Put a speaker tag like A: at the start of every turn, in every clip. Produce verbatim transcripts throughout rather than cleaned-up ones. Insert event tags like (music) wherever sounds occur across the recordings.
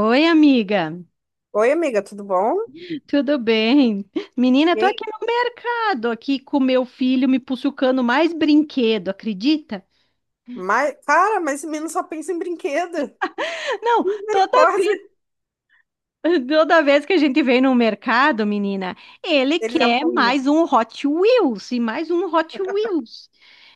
A: Oi, amiga.
B: Oi, amiga, tudo bom?
A: Tudo bem? Menina,
B: E
A: tô
B: aí?
A: aqui no mercado, aqui com meu filho me puxucando mais brinquedo, acredita?
B: Mas, cara, mas esse menino só pensa em brinquedo.
A: Não, toda vez,
B: Misericórdia.
A: toda vez que a gente vem no mercado, menina, ele
B: Ele
A: quer
B: leva um...
A: mais um Hot Wheels e mais um Hot Wheels.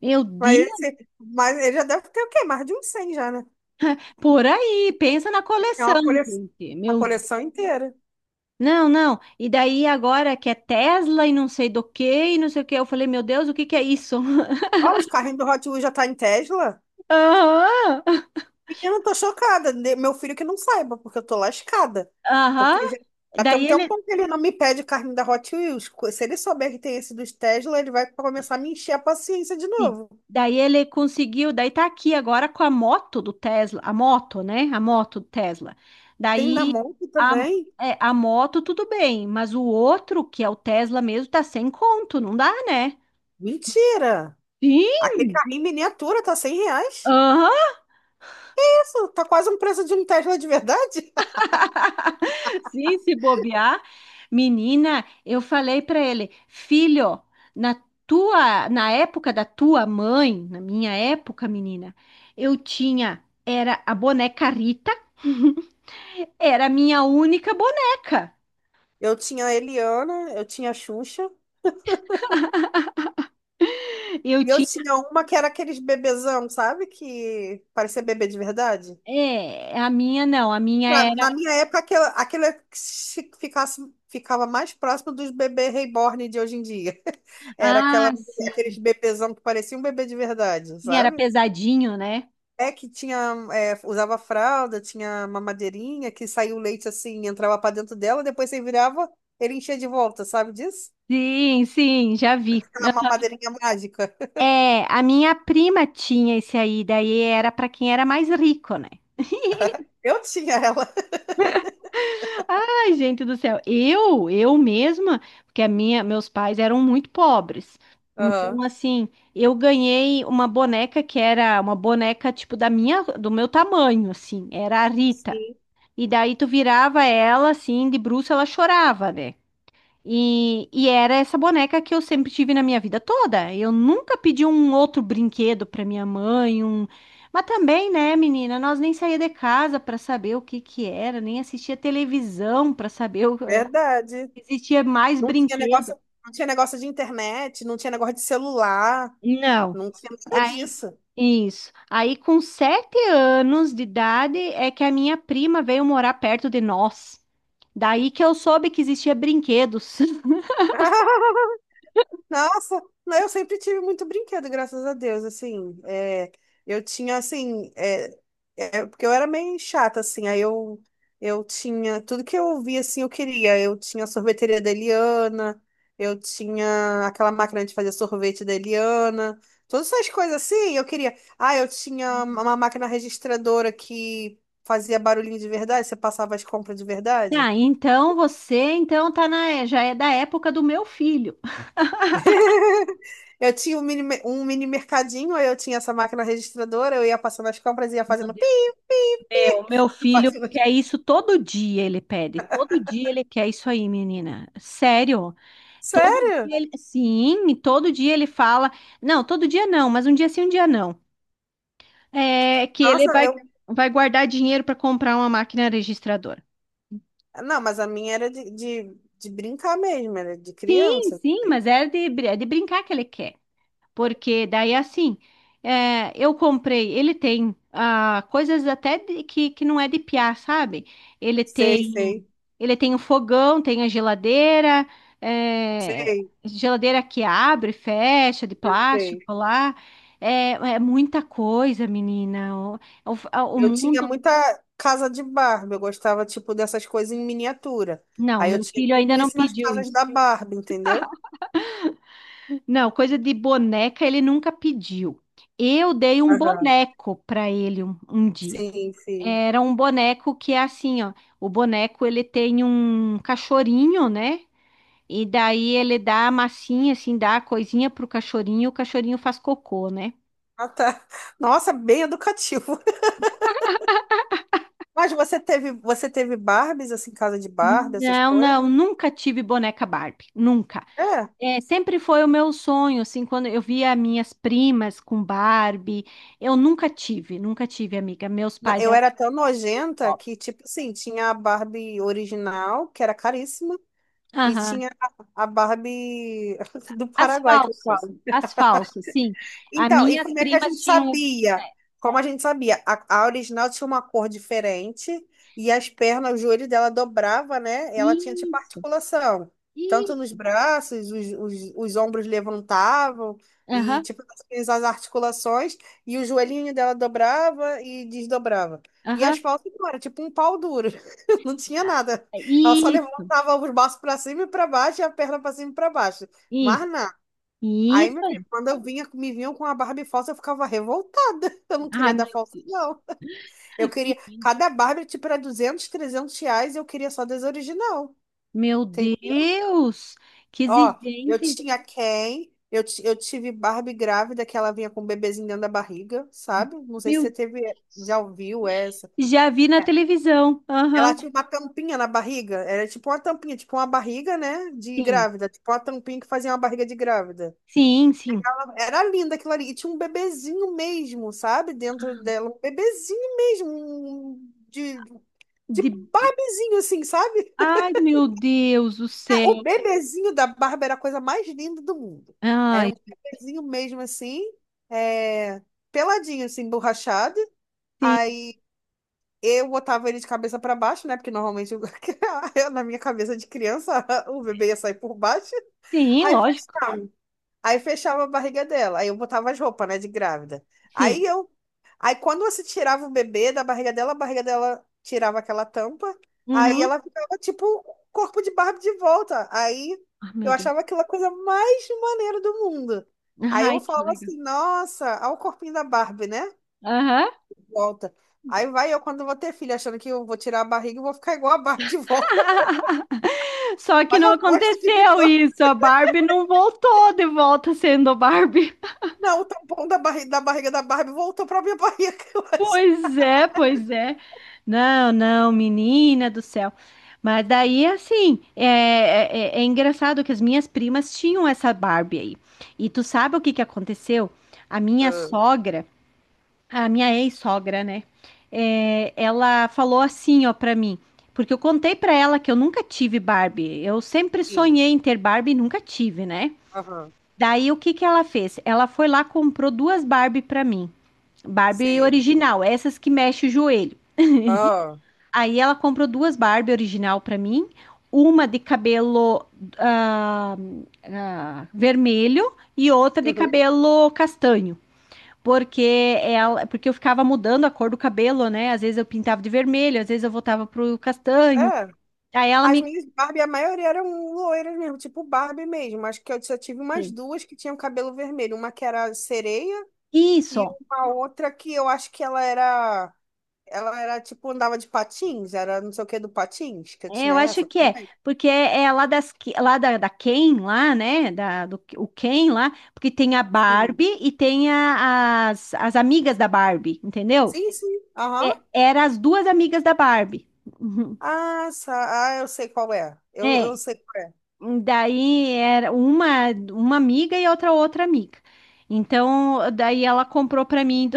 A: Meu
B: Mas,
A: Deus,
B: esse- mas ele já deve ter o quê? Mais de uns cem já, né?
A: por aí, pensa na
B: É
A: coleção,
B: uma cole...
A: gente.
B: a
A: Meu,
B: coleção inteira.
A: não, não. E daí agora que é Tesla e não sei do que e não sei o que, eu falei, meu Deus, o que que é isso?
B: Ó, os carrinhos do Hot Wheels já tá em Tesla.
A: (laughs) Aham.
B: Menina, eu tô chocada. De- Meu filho que não saiba, porque eu tô lascada.
A: Aham,
B: Porque já já tem um
A: Daí ele,
B: tempão que ele não me pede carrinho da Hot Wheels. Co- Se ele souber que tem esse dos Tesla, ele vai começar a me encher a paciência de
A: sim,
B: novo.
A: daí ele conseguiu, daí tá aqui agora com a moto do Tesla, a moto, né? A moto do Tesla.
B: Tem da
A: Daí
B: Monk
A: a,
B: também?
A: é, a moto tudo bem, mas o outro, que é o Tesla mesmo, tá sem conto, não dá, né?
B: Mentira! Aquele
A: Sim!
B: carrinho em miniatura tá cem reais.
A: Aham,
B: Isso, tá quase um preço de um Tesla de verdade. (laughs)
A: sim, se bobear. Menina, eu falei pra ele, filho, na tua, na época da tua mãe, na minha época, menina, eu tinha, era a boneca Rita. (laughs) Era a minha única boneca.
B: Eu tinha a Eliana, eu tinha a Xuxa.
A: Eu
B: E eu
A: tinha.
B: tinha uma que era aqueles bebezão, sabe? Que parecia bebê de verdade.
A: É, a minha não, a minha
B: Pra-
A: era.
B: na minha época, aquela, aquela que se- ficasse, ficava mais próximo dos bebês reborn de hoje em dia. (laughs) Era aquela,
A: Ah, sim.
B: aqueles bebezão que parecia um bebê de verdade,
A: Sim, era
B: sabe?
A: pesadinho, né?
B: É que tinha, é, usava fralda, tinha mamadeirinha, que saía o leite assim, entrava pra dentro dela, depois você virava, ele enchia de volta, sabe disso?
A: Sim, sim, já vi.
B: Aquela mamadeirinha mágica. (laughs)
A: É, a minha prima tinha esse aí, daí era para quem era mais rico, né?
B: Eu tinha ela. (laughs)
A: Ai, gente do céu, eu, eu mesma, porque a minha, meus pais eram muito pobres. Então,
B: Aham.
A: assim, eu ganhei uma boneca que era uma boneca tipo da minha, do meu tamanho, assim, era a Rita. E daí tu virava ela assim, de bruço, ela chorava, né? E, e era essa boneca que eu sempre tive na minha vida toda. Eu nunca pedi um outro brinquedo pra minha mãe, um... Mas também, né, menina, nós nem saía de casa pra saber o que que era, nem assistia televisão pra saber o... se
B: Verdade.
A: existia mais
B: Não tinha
A: brinquedo.
B: negócio, não tinha negócio de internet, não tinha negócio de celular,
A: Não.
B: não tinha nada
A: Aí,
B: disso.
A: isso. Aí, com sete anos de idade, é que a minha prima veio morar perto de nós. Daí que eu soube que existia brinquedos. (laughs)
B: (laughs) Nossa, não, eu sempre tive muito brinquedo, graças a Deus, assim, é, eu tinha, assim, é, é, porque eu era meio chata, assim, aí eu, eu tinha, tudo que eu via, assim, eu queria, eu tinha a sorveteria da Eliana, eu tinha aquela máquina de fazer sorvete da Eliana, todas essas coisas, assim, eu queria, ah, eu tinha uma máquina registradora que fazia barulhinho de verdade, você passava as compras de verdade.
A: Ah, então você então tá na, já é da época do meu filho.
B: (laughs) Eu tinha um mini, me- um mini mercadinho, aí eu tinha essa máquina registradora, eu ia passando as compras e ia
A: Meu
B: fazendo pi,
A: Deus,
B: pi, pi.
A: meu, meu
B: (laughs) Eu
A: filho
B: fazendo as-
A: quer isso todo dia, ele pede. Todo dia ele quer isso aí, menina. Sério? Todo
B: Sério?
A: dia ele, sim, todo dia ele fala. Não, todo dia não, mas um dia sim, um dia não. É que ele
B: Nossa,
A: vai,
B: eu.
A: vai guardar dinheiro para comprar uma máquina registradora.
B: Não, mas a minha era de, de, de brincar mesmo, era de
A: Sim,
B: criança.
A: sim, mas é de, br- é de brincar que ele quer. Porque daí assim, é, eu comprei, ele tem ah, coisas até de- que, que não é de piar, sabe? Ele
B: Sei,
A: tem
B: sei,
A: ele tem o fogão, tem a geladeira, é,
B: sei,
A: geladeira que abre e fecha, de
B: sei, sei.
A: plástico lá. É, é muita coisa, menina. O, o, o
B: Eu tinha
A: mundo.
B: muita casa de Barbie, eu gostava, tipo, dessas coisas em miniatura.
A: Não,
B: Aí eu
A: meu
B: tinha
A: filho ainda
B: tudo
A: não
B: isso nas
A: pediu
B: casas
A: isso.
B: da Barbie, entendeu?
A: Não, coisa de boneca ele nunca pediu. Eu dei um
B: Aham.
A: boneco para ele um, um dia.
B: Sim, sim.
A: Era um boneco que é assim, ó. O boneco ele tem um cachorrinho, né? E daí ele dá a massinha, assim, dá a coisinha pro cachorrinho, o cachorrinho faz cocô, né?
B: Ah, tá. Nossa, bem educativo. Mas você teve, você teve Barbies, assim, casa de Barbie, essas
A: Não, não,
B: coisas?
A: nunca tive boneca Barbie, nunca.
B: É.
A: É, sempre foi o meu sonho, assim, quando eu via minhas primas com Barbie, eu nunca tive, nunca tive, amiga. Meus
B: Na-
A: pais
B: Eu
A: eram
B: era tão
A: bem
B: nojenta
A: pobres.
B: que, tipo assim, tinha a Barbie original, que era caríssima, e tinha a a Barbie (laughs) do
A: As
B: Paraguai, que eu
A: falsas,
B: falo.
A: as falsas, sim. As
B: Então, e
A: minhas
B: como é que a gente
A: primas tinham, né?
B: sabia? Como a gente sabia? A, a original tinha uma cor diferente e as pernas, o joelho dela dobrava, né? Ela tinha tipo
A: Isso,
B: articulação. Tanto nos
A: isso.
B: braços, os, os, os ombros levantavam e
A: Aham,
B: tipo as articulações e o joelhinho dela dobrava e desdobrava. E as
A: aham.
B: falsas não, era tipo um pau duro. (laughs) Não tinha nada. Ela só
A: Isso,
B: levantava os braços para cima e para baixo e a perna para cima e para baixo. Mas
A: isso,
B: nada. Aí,
A: isso
B: meu filho,
A: aí.
B: quando eu vinha, me vinham com a Barbie falsa, eu ficava revoltada. (laughs) Eu não
A: Ah,
B: queria
A: meu
B: da falsa,
A: Deus.
B: não. Eu queria.
A: Ih,
B: Cada Barbie, tipo, era duzentos, trezentos reais, eu queria só das original.
A: meu
B: Entendeu?
A: Deus, que
B: Ó, eu
A: exigente.
B: tinha Ken, eu, ti- eu tive Barbie grávida, que ela vinha com um bebezinho dentro da barriga, sabe? Não sei se
A: Meu
B: você teve, já
A: Deus.
B: ouviu essa.
A: Já vi na televisão.
B: Ela
A: Aham.
B: tinha uma tampinha na barriga, era tipo uma tampinha, tipo uma barriga, né, de
A: Sim,
B: grávida, tipo uma tampinha que fazia uma barriga de grávida.
A: sim, sim.
B: Era linda aquilo ali. E tinha um bebezinho mesmo, sabe? Dentro dela. Um bebezinho mesmo. um- um, De, de
A: De-
B: Barbiezinho, assim, sabe?
A: Ai, meu Deus do
B: É, o
A: céu.
B: bebezinho da Barbie era a coisa mais linda do mundo. Era
A: Ai,
B: um bebezinho mesmo, assim. é, Peladinho, assim, borrachado.
A: sim,
B: Aí eu botava ele de cabeça pra baixo, né? Porque normalmente eu- (laughs) eu, na minha cabeça de criança, (laughs) o bebê ia sair por baixo.
A: sim,
B: Aí
A: lógico.
B: fechava. Aí fechava a barriga dela. Aí eu botava as roupas, né? De grávida. Aí
A: Sim.
B: eu Aí quando você tirava o bebê da barriga dela, a barriga dela tirava aquela tampa, aí
A: Uhum.
B: ela ficava tipo o corpo de Barbie de volta. Aí
A: Ai,
B: eu
A: meu Deus.
B: achava aquela coisa mais maneira do mundo. Aí eu
A: Ai, que
B: falava
A: legal.
B: assim, nossa, olha o corpinho da Barbie, né?
A: Aham.
B: Volta. Aí vai eu quando eu vou ter filho, achando que eu vou tirar a barriga e vou ficar igual a Barbie de volta. (laughs)
A: Só que
B: Olha
A: não
B: a bosta que
A: aconteceu
B: ficou.
A: isso. A Barbie não voltou de volta sendo Barbie. (laughs)
B: Não, o tampão da barriga da, barriga da Barbie voltou pra minha barriga, (laughs) eu acho.
A: Pois é, pois é. Não, não, menina do céu. Mas daí, assim, é, é, é- é engraçado que as minhas primas tinham essa Barbie aí. E tu sabe o que que aconteceu? A minha
B: Ah,
A: sogra. A minha ex-sogra, né? É, ela falou assim, ó, pra mim, porque eu contei pra ela que eu nunca tive Barbie. Eu sempre
B: sim.
A: sonhei em ter Barbie e nunca tive, né?
B: Aham.
A: Daí o que que ela fez? Ela foi lá, comprou duas Barbie pra mim. Barbie
B: Sim.
A: original, essas que mexe o joelho.
B: Ah.
A: Aí ela comprou duas Barbie original pra mim, uma de cabelo ah, ah, vermelho e outra de
B: Uhum.
A: cabelo castanho. Porque, ela, porque eu ficava mudando a cor do cabelo, né? Às vezes eu pintava de vermelho, às vezes eu voltava pro castanho.
B: É.
A: Aí ela
B: As
A: me.
B: minhas Barbie, a maioria eram loiras mesmo, tipo Barbie mesmo. Acho que eu só tive umas
A: Assim,
B: duas que tinham cabelo vermelho. Uma que era sereia e
A: isso,
B: uma outra que eu acho que ela era. Ela era tipo, andava de patins, era não sei o que do patins, que eu
A: é,
B: tinha
A: eu acho
B: essa
A: que é,
B: também.
A: porque é é lá, das, lá da, da Ken, lá, né? Da, do, o Ken lá, porque tem a-
B: Sim.
A: Barbie e tem a- as, as amigas da Barbie, entendeu?
B: Sim, sim. Aham.
A: É, era as duas amigas da Barbie. Uhum.
B: Ah, sa- ah, eu sei qual é. Eu, eu
A: É,
B: sei qual é.
A: daí era uma, uma amiga e outra outra amiga. Então, daí ela comprou para mim.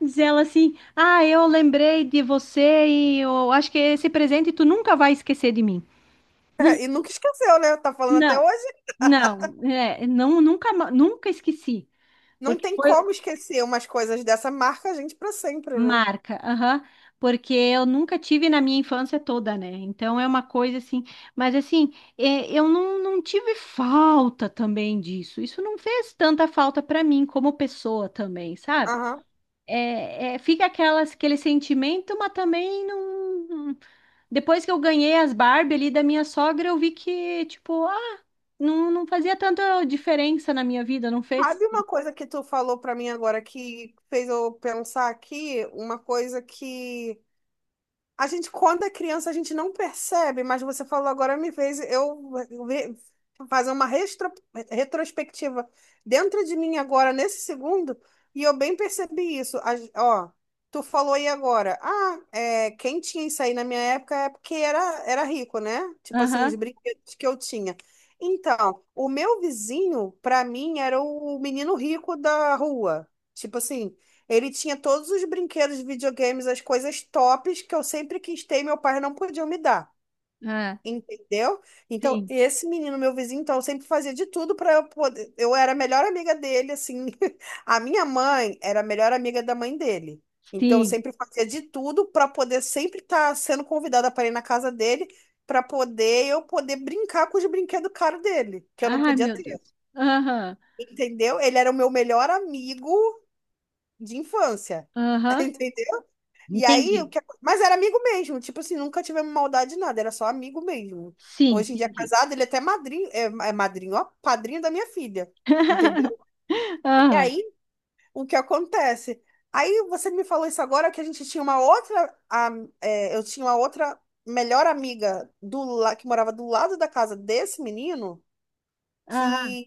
A: Diz ela assim: Ah, eu lembrei de você e eu acho que esse presente tu nunca vai esquecer de mim.
B: (laughs) E nunca esqueceu, né? Tá falando até
A: Não,
B: hoje.
A: não, é, não, nunca, ma- nunca esqueci,
B: Não
A: porque
B: tem
A: foi
B: como esquecer umas coisas dessa marca, a gente pra sempre, né?
A: marca, aham, porque eu nunca tive na minha infância toda, né? Então é uma coisa assim, mas assim, é, eu não, não tive falta também disso. Isso não fez tanta falta para mim como pessoa também, sabe?
B: Aham.
A: é, é, fica aquelas, aquele sentimento, mas também não. Depois que eu ganhei as Barbie ali da minha sogra, eu vi que, tipo, ah, não, não fazia tanta diferença na minha vida, não
B: Sabe
A: fez?
B: uma coisa que tu falou pra mim agora que fez eu pensar aqui? Uma coisa que a gente, quando é criança, a gente não percebe, mas você falou agora me fez eu ver- fazer uma restro- retrospectiva dentro de mim agora, nesse segundo, e eu bem percebi isso. A- ó, tu falou aí agora, ah, é, quem tinha isso aí na minha época é porque era, era rico, né? Tipo assim, os
A: Aham,
B: brinquedos que eu tinha. Então, o meu vizinho, pra mim, era o menino rico da rua. Tipo assim. Ele tinha todos os brinquedos, videogames, as coisas tops que eu sempre quis ter e meu pai não podia me dar.
A: ah,
B: Entendeu? Então,
A: sim,
B: esse menino, meu vizinho, então, sempre fazia de tudo para eu poder. Eu era a melhor amiga dele, assim. (laughs) A minha mãe era a melhor amiga da mãe dele. Então, eu
A: sim.
B: sempre fazia de tudo para poder sempre estar sendo convidada para ir na casa dele, para poder eu poder brincar com os brinquedos caros dele, que eu não
A: Ai,
B: podia
A: meu
B: ter.
A: Deus. Aham,
B: Entendeu? Ele era o meu melhor amigo de infância.
A: aham.
B: (laughs) E aí, o
A: Entendi.
B: que... mas era amigo mesmo, tipo assim, nunca tivemos maldade de nada, era só amigo mesmo.
A: Sim,
B: Hoje em dia é
A: entendi.
B: casado, ele é até madrinho, é, é madrinho, ó, padrinho da minha filha, entendeu?
A: (laughs)
B: E
A: Aham,
B: aí, o que acontece? Aí você me falou isso agora que a gente tinha uma outra, a, é, eu tinha uma outra melhor amiga do la- que morava do lado da casa desse menino,
A: aham.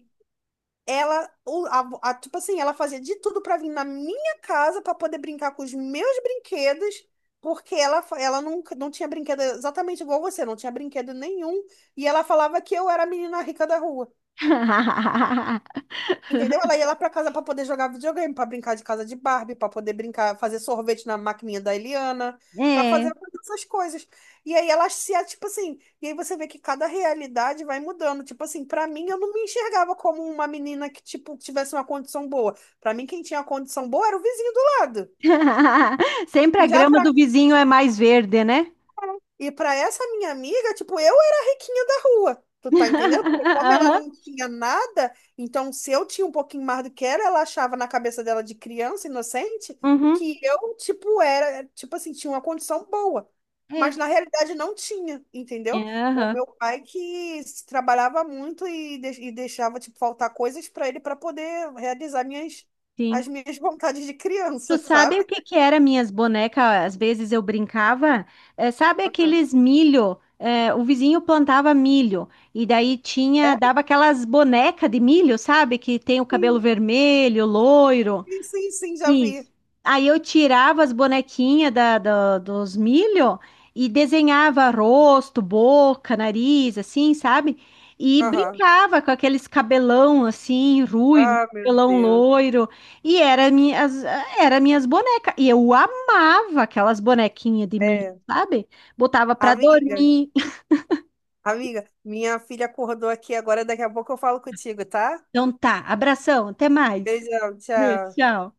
B: ela, o- a- a- tipo assim, ela fazia de tudo pra vir na minha casa pra poder brincar com os meus brinquedos, porque ela, fa- ela nunca, não tinha brinquedo exatamente igual você, não tinha brinquedo nenhum. E ela falava que eu era a menina rica da rua.
A: (laughs)
B: Entendeu? Ela ia lá pra casa pra poder jogar videogame, pra brincar de casa de Barbie, pra poder brincar, fazer sorvete na maquininha da Eliana, pra
A: É.
B: fazer todas essas coisas. E aí elas se, tipo assim, e aí você vê que cada realidade vai mudando. Tipo assim, pra mim eu não me enxergava como uma menina que, tipo, tivesse uma condição boa. Pra mim quem tinha condição boa era o vizinho do lado.
A: (laughs) Sempre a
B: E já
A: grama
B: pra
A: do vizinho é mais verde, né?
B: E para essa minha amiga, tipo, eu era a riquinha da rua. Tu tá entendendo? Porque
A: (laughs)
B: como ela
A: Aham.
B: não tinha nada, então se eu tinha um pouquinho mais do que ela, ela achava na cabeça dela de criança inocente
A: Uhum.
B: que eu, tipo, era, tipo assim, tinha uma condição boa.
A: É.
B: Mas na realidade não tinha,
A: É,
B: entendeu? O
A: aham,
B: meu pai que se trabalhava muito e, de- e deixava, tipo, faltar coisas para ele para poder realizar minhas,
A: sim.
B: as minhas vontades de
A: Tu
B: criança. (laughs)
A: sabe o
B: Sabe?
A: que que era minhas bonecas? Às vezes eu brincava, é, sabe
B: Aham.
A: aqueles milho? É, o vizinho plantava milho e daí tinha,
B: É,
A: dava aquelas bonecas de milho, sabe? Que tem o cabelo
B: sim,
A: vermelho, loiro.
B: sim, sim, já vi.
A: Isso. Aí eu tirava as bonequinhas da, da- dos milho e desenhava rosto, boca, nariz, assim, sabe? E
B: Aham.
A: brincava com aqueles cabelão assim, ruivo,
B: Ah, meu
A: cabelão
B: Deus.
A: loiro. E era minhas, era minhas bonecas. E eu amava aquelas bonequinhas de milho,
B: É.
A: sabe? Botava pra
B: Amiga,
A: dormir.
B: amiga, minha filha acordou aqui agora, daqui a pouco eu falo contigo, tá?
A: Então tá, abração, até mais.
B: Beijão,
A: Beijo,
B: tchau.
A: tchau.